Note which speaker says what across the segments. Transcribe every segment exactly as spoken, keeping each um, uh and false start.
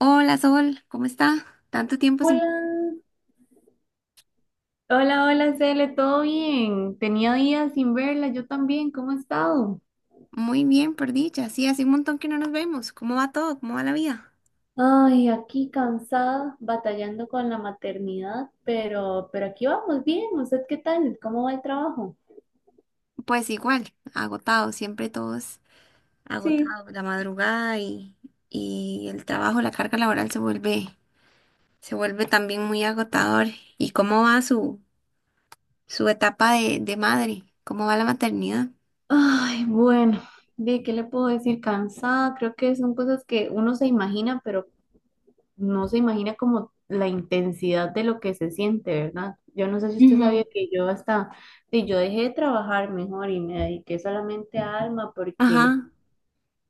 Speaker 1: Hola Sol, ¿cómo está? Tanto tiempo sin...
Speaker 2: Hola, hola, hola, Cele, ¿todo bien? Tenía días sin verla, yo también, ¿cómo has estado?
Speaker 1: Muy bien, por dicha. Sí, hace un montón que no nos vemos. ¿Cómo va todo? ¿Cómo va la vida?
Speaker 2: Ay, aquí cansada, batallando con la maternidad, pero, pero aquí vamos bien. ¿Usted qué tal? ¿Cómo va el trabajo?
Speaker 1: Pues igual, agotado, siempre todos
Speaker 2: Sí.
Speaker 1: agotados. La madrugada y, y el trabajo, la carga laboral se vuelve, se vuelve también muy agotador. ¿Y cómo va su, su etapa de, de madre? ¿Cómo va la maternidad?
Speaker 2: Ay, bueno, ¿de qué le puedo decir? Cansada, creo que son cosas que uno se imagina, pero no se imagina como la intensidad de lo que se siente, ¿verdad? Yo no sé si usted
Speaker 1: Ujú.
Speaker 2: sabía que yo hasta, sí, yo dejé de trabajar mejor y me dediqué solamente a Alma porque,
Speaker 1: Ajá,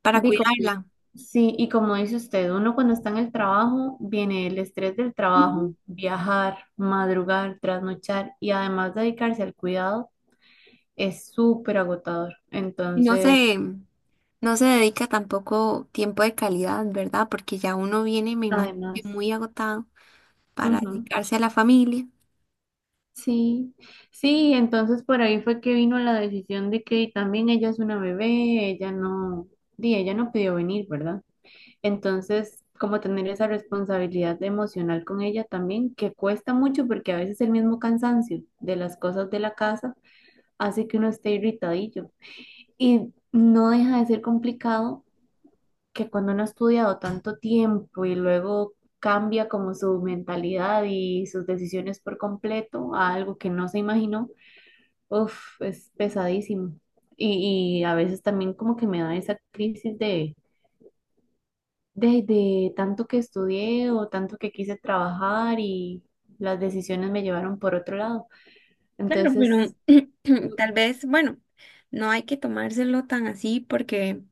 Speaker 1: para
Speaker 2: digo,
Speaker 1: cuidarla.
Speaker 2: sí, y como dice usted, uno cuando está en el trabajo, viene el estrés del
Speaker 1: Ujú.
Speaker 2: trabajo, viajar, madrugar, trasnochar y además dedicarse al cuidado es súper agotador.
Speaker 1: Y no
Speaker 2: Entonces,
Speaker 1: sé. No se dedica tampoco tiempo de calidad, ¿verdad? Porque ya uno viene, me imagino, que
Speaker 2: además,
Speaker 1: muy agotado para
Speaker 2: ujú.
Speaker 1: dedicarse a la familia.
Speaker 2: Sí, sí, entonces por ahí fue que vino la decisión de que también ella es una bebé, ella no, di, ella no pidió venir, ¿verdad? Entonces, como tener esa responsabilidad emocional con ella también, que cuesta mucho porque a veces el mismo cansancio de las cosas de la casa hace que uno esté irritadillo. Y no deja de ser complicado que cuando uno ha estudiado tanto tiempo y luego cambia como su mentalidad y sus decisiones por completo a algo que no se imaginó. Uf, es pesadísimo. Y, y a veces también como que me da esa crisis de, de, de tanto que estudié o tanto que quise trabajar y las decisiones me llevaron por otro lado.
Speaker 1: Claro, pero
Speaker 2: Entonces,
Speaker 1: tal vez, bueno, no hay que tomárselo tan así porque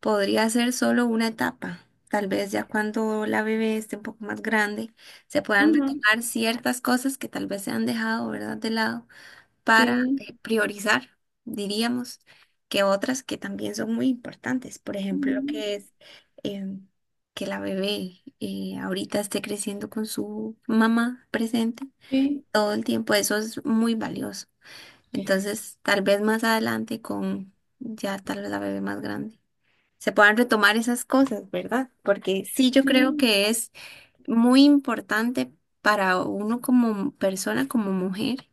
Speaker 1: podría ser solo una etapa. Tal vez ya cuando la bebé esté un poco más grande, se puedan
Speaker 2: ujú,
Speaker 1: retomar ciertas cosas que tal vez se han dejado, ¿verdad? De lado. Para
Speaker 2: sí,
Speaker 1: eh, priorizar, diríamos, que otras que también son muy importantes. Por ejemplo, lo
Speaker 2: ujú,
Speaker 1: que es em, que la bebé eh, ahorita esté creciendo con su mamá presente
Speaker 2: sí,
Speaker 1: todo el tiempo, eso es muy valioso. Entonces, tal vez más adelante con ya tal vez la bebé más grande. Se puedan retomar esas cosas, ¿verdad? Porque sí, yo creo
Speaker 2: sí.
Speaker 1: que es muy importante para uno como persona, como mujer,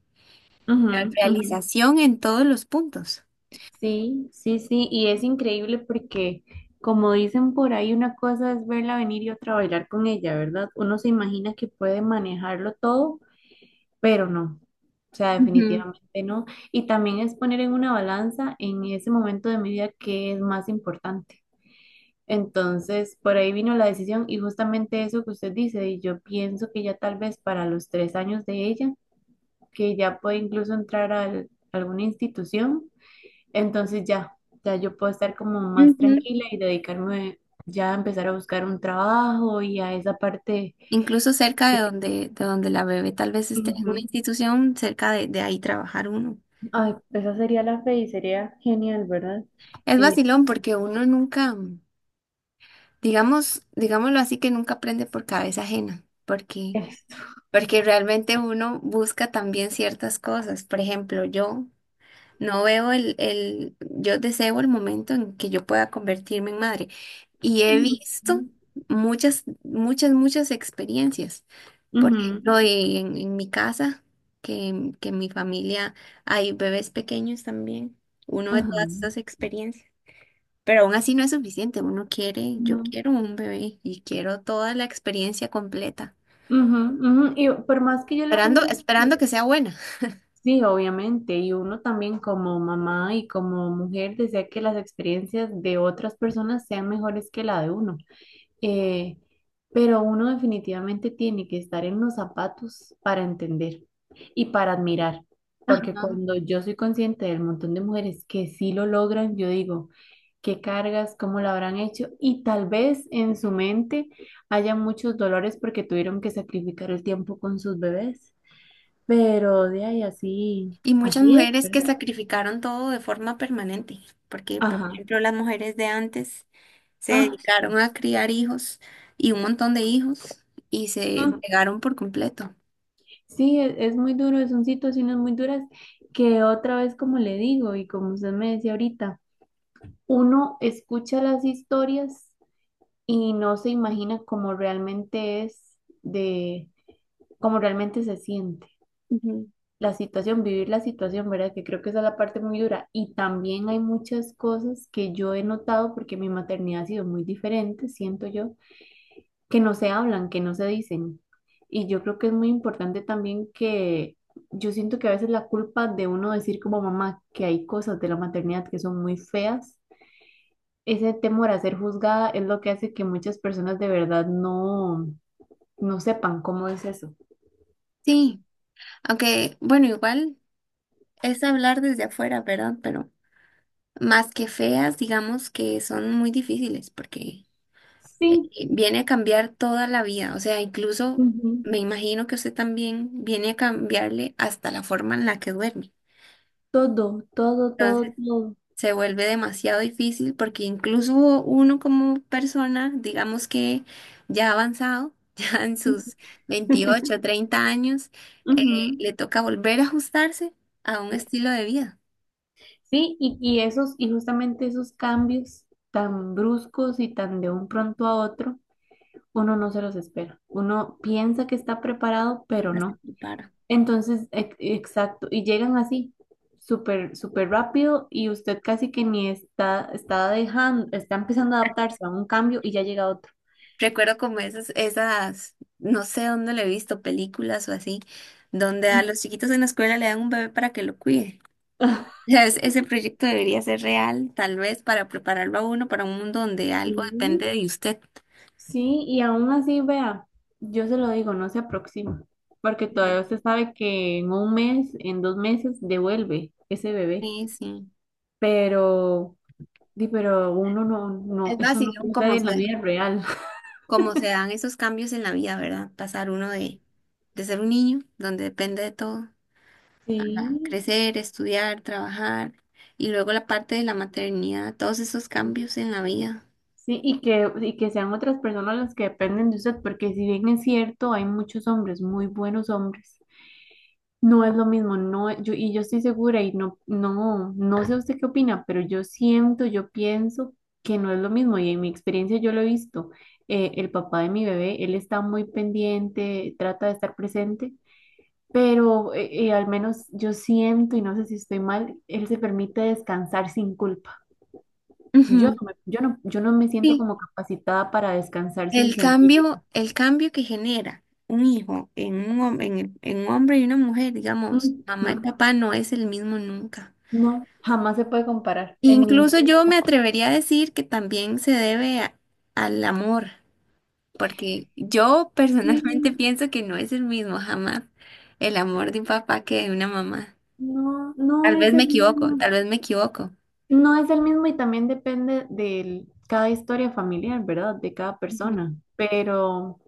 Speaker 2: Ujú,
Speaker 1: la
Speaker 2: ujú.
Speaker 1: realización en todos los puntos.
Speaker 2: Sí, sí, sí. Y es increíble porque, como dicen por ahí, una cosa es verla venir y otra bailar con ella, ¿verdad? Uno se imagina que puede manejarlo todo pero no, o sea,
Speaker 1: Ujú,
Speaker 2: definitivamente no. Y también es poner en una balanza en ese momento de mi vida qué es más importante. Entonces, por ahí vino la decisión y justamente eso que usted dice, y yo pienso que ya tal vez para los tres años de ella, que ya puede incluso entrar a al- alguna institución, entonces ya, ya yo puedo estar como más
Speaker 1: ujú.
Speaker 2: tranquila y dedicarme ya a empezar a buscar un trabajo y a esa parte
Speaker 1: Incluso cerca de
Speaker 2: que...
Speaker 1: donde, de donde la bebé tal vez esté en una institución, cerca de, de ahí trabajar uno.
Speaker 2: Ay, esa sería la fe y sería genial, ¿verdad?
Speaker 1: Es vacilón
Speaker 2: Este,
Speaker 1: porque uno nunca, digamos, digámoslo así, que nunca aprende por cabeza ajena, porque,
Speaker 2: esto.
Speaker 1: porque realmente uno busca también ciertas cosas. Por ejemplo, yo no veo el, el, yo deseo el momento en que yo pueda convertirme en madre y he
Speaker 2: Ujú,
Speaker 1: visto muchas, muchas, muchas experiencias. Por
Speaker 2: ujú,
Speaker 1: ejemplo, y en, en mi casa, que, que en mi familia hay bebés pequeños también, uno de
Speaker 2: ajá,
Speaker 1: todas esas experiencias. Pero aún así no es suficiente, uno quiere, yo
Speaker 2: ujú,
Speaker 1: quiero un bebé y quiero toda la experiencia completa,
Speaker 2: ujú, ujú. Y por más que yo le
Speaker 1: esperando,
Speaker 2: cuente,
Speaker 1: esperando que sea buena.
Speaker 2: sí, obviamente, y uno también como mamá y como mujer desea que las experiencias de otras personas sean mejores que la de uno. eh, pero uno definitivamente tiene que estar en los zapatos para entender y para admirar, porque
Speaker 1: Ajá.
Speaker 2: cuando yo soy consciente del montón de mujeres que sí lo logran, yo digo, qué cargas, cómo lo habrán hecho, y tal vez en su mente haya muchos dolores porque tuvieron que sacrificar el tiempo con sus bebés, pero de ahí así,
Speaker 1: Y muchas
Speaker 2: así es,
Speaker 1: mujeres que
Speaker 2: ¿verdad?
Speaker 1: sacrificaron todo de forma permanente, porque por
Speaker 2: Ajá.
Speaker 1: ejemplo las mujeres de antes se dedicaron a criar hijos y un montón de hijos y se
Speaker 2: Ah,
Speaker 1: entregaron por completo.
Speaker 2: sí, es, es muy duro, son situaciones muy duras que otra vez, como le digo y como usted me decía ahorita, uno escucha las historias y no se imagina cómo realmente es de, cómo realmente se siente
Speaker 1: Ujú.
Speaker 2: la situación, vivir la situación, ¿verdad? Que creo que esa es la parte muy dura. Y también hay muchas cosas que yo he notado porque mi maternidad ha sido muy diferente, siento yo que no se hablan, que no se dicen. Y yo creo que es muy importante también que yo siento que a veces la culpa de uno decir como mamá que hay cosas de la maternidad que son muy feas, ese temor a ser juzgada es lo que hace que muchas personas de verdad no, no sepan cómo es eso.
Speaker 1: Sí. Aunque, bueno, igual es hablar desde afuera, ¿verdad? Pero más que feas, digamos que son muy difíciles porque eh,
Speaker 2: Sí,
Speaker 1: viene a cambiar toda la vida. O sea, incluso
Speaker 2: ujú.
Speaker 1: me imagino que usted también viene a cambiarle hasta la forma en la que duerme.
Speaker 2: Todo, todo, todo,
Speaker 1: Entonces,
Speaker 2: todo.
Speaker 1: se vuelve demasiado difícil porque incluso uno como persona, digamos que ya avanzado, ya en sus veintiocho, treinta años, eh,
Speaker 2: Ujú.
Speaker 1: le toca volver a ajustarse a un estilo de vida.
Speaker 2: Sí, y, y esos, y justamente esos cambios tan bruscos y tan de un pronto a otro uno no se los espera. Uno piensa que está preparado, pero
Speaker 1: Rojas se
Speaker 2: no.
Speaker 1: prepara.
Speaker 2: Entonces, ex- exacto, y llegan así, súper, súper rápido y usted casi que ni está, está dejando, está empezando a adaptarse a un cambio y ya llega otro.
Speaker 1: Recuerdo como esas, esas, no sé dónde le he visto, películas o así, donde a
Speaker 2: Mm.
Speaker 1: los chiquitos en la escuela le dan un bebé para que lo cuide. O sea, es- ese proyecto debería ser real, tal vez, para prepararlo a uno para un mundo donde algo depende
Speaker 2: Sí,
Speaker 1: de usted.
Speaker 2: sí, y aún así, vea, yo se lo digo, no se aproxima, porque
Speaker 1: Ujú.
Speaker 2: todavía usted sabe que en un mes, en dos meses, devuelve ese bebé,
Speaker 1: Sí, sí.
Speaker 2: pero, di, pero uno no, no,
Speaker 1: Es
Speaker 2: eso no
Speaker 1: vacilón
Speaker 2: sucede
Speaker 1: como
Speaker 2: en la
Speaker 1: se,
Speaker 2: vida real.
Speaker 1: como se dan esos cambios en la vida, ¿verdad? Pasar uno de, de ser un niño, donde depende de todo,
Speaker 2: Sí,
Speaker 1: a crecer, estudiar, trabajar, y luego la parte de la maternidad, todos esos cambios en la vida.
Speaker 2: sí, y que, y que sean otras personas las que dependen de usted, porque si bien es cierto, hay muchos hombres, muy buenos hombres, no es lo mismo, no, es- yo, y yo estoy segura, y no, no, no sé usted qué opina, pero yo siento, yo pienso que no es lo mismo, y en mi experiencia yo lo he visto, eh, el papá de mi bebé, él está muy pendiente, trata de estar presente, pero eh, eh, al menos yo siento, y no sé si estoy mal, él se permite descansar sin culpa. Yo
Speaker 1: Ujú.
Speaker 2: no me, yo no, yo no me siento
Speaker 1: Sí,
Speaker 2: como capacitada para descansar sin
Speaker 1: el
Speaker 2: sentir.
Speaker 1: cambio, el cambio que genera un hijo en un, hom- en el- en un hombre y una mujer, digamos, mamá y
Speaker 2: Ujú.
Speaker 1: papá no es el mismo nunca.
Speaker 2: No, jamás se puede comparar en
Speaker 1: Incluso
Speaker 2: ningún.
Speaker 1: yo me atrevería a decir que también se debe a- al amor, porque yo personalmente
Speaker 2: Sí,
Speaker 1: pienso que no es el mismo jamás el amor de un papá que de una mamá.
Speaker 2: no, no
Speaker 1: Tal vez
Speaker 2: es
Speaker 1: me
Speaker 2: el
Speaker 1: equivoco,
Speaker 2: mismo.
Speaker 1: tal vez me equivoco.
Speaker 2: No es el mismo y también depende de cada historia familiar, ¿verdad? De cada
Speaker 1: Ujú.
Speaker 2: persona. Pero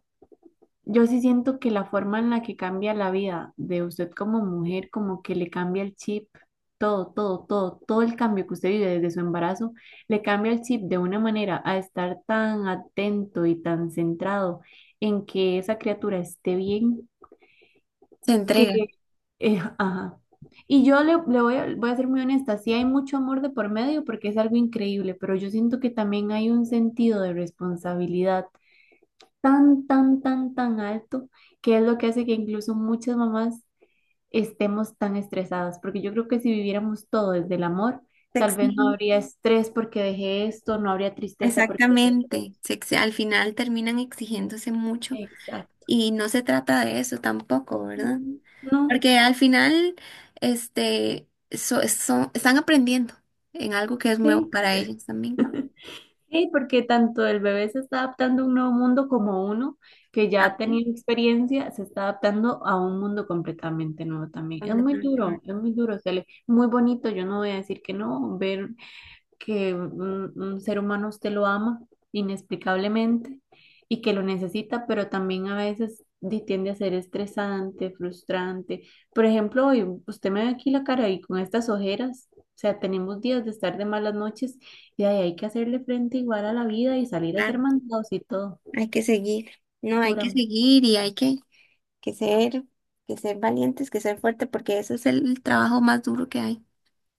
Speaker 2: yo sí siento que la forma en la que cambia la vida de usted como mujer, como que le cambia el chip, todo, todo, todo, todo el cambio que usted vive desde su embarazo, le cambia el chip de una manera a estar tan atento y tan centrado en que esa criatura esté bien,
Speaker 1: Se entrega,
Speaker 2: que, eh, ajá. Y yo le, le voy a, voy a ser muy honesta, sí hay mucho amor de por medio porque es algo increíble, pero yo siento que también hay un sentido de responsabilidad tan, tan, tan, tan alto, que es lo que hace que incluso muchas mamás estemos tan estresadas, porque yo creo que si viviéramos todo desde el amor,
Speaker 1: se
Speaker 2: tal vez no
Speaker 1: exigen.
Speaker 2: habría estrés porque dejé esto, no habría tristeza porque dejé esto.
Speaker 1: Exactamente, se ex- al final terminan exigiéndose mucho.
Speaker 2: Exacto.
Speaker 1: Y no se trata de eso tampoco, ¿verdad?
Speaker 2: Ujú. No,
Speaker 1: Porque al final, este, so- son- están aprendiendo en algo que es nuevo
Speaker 2: sí,
Speaker 1: para ellos también.
Speaker 2: sí, porque tanto el bebé se está adaptando a un nuevo mundo como uno que ya ha
Speaker 1: También,
Speaker 2: tenido experiencia se está adaptando a un mundo completamente nuevo también. Es muy
Speaker 1: completamente
Speaker 2: duro,
Speaker 1: nuevo.
Speaker 2: es muy duro, Cele, muy bonito, yo no voy a decir que no, ver que un, un ser humano usted lo ama inexplicablemente y que lo necesita, pero también a veces di- tiende a ser estresante, frustrante. Por ejemplo, hoy usted me ve aquí la cara y con estas ojeras, o sea, tenemos días de estar de malas noches y de ahí hay que hacerle frente igual a la vida y salir a
Speaker 1: Claro,
Speaker 2: hacer mandados y todo.
Speaker 1: hay que seguir. No, hay
Speaker 2: Pura.
Speaker 1: que seguir y hay que, que ser, que ser valientes, que ser fuerte, porque eso es el trabajo más duro que hay.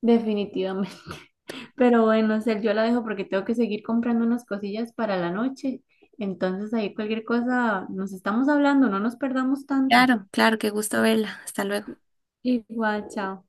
Speaker 2: Definitivamente. Pero bueno, Cel, yo la dejo porque tengo que seguir comprando unas cosillas para la noche. Entonces ahí cualquier cosa, nos estamos hablando, no nos perdamos tanto.
Speaker 1: Claro, claro, qué gusto verla. Hasta luego.
Speaker 2: Igual, chao.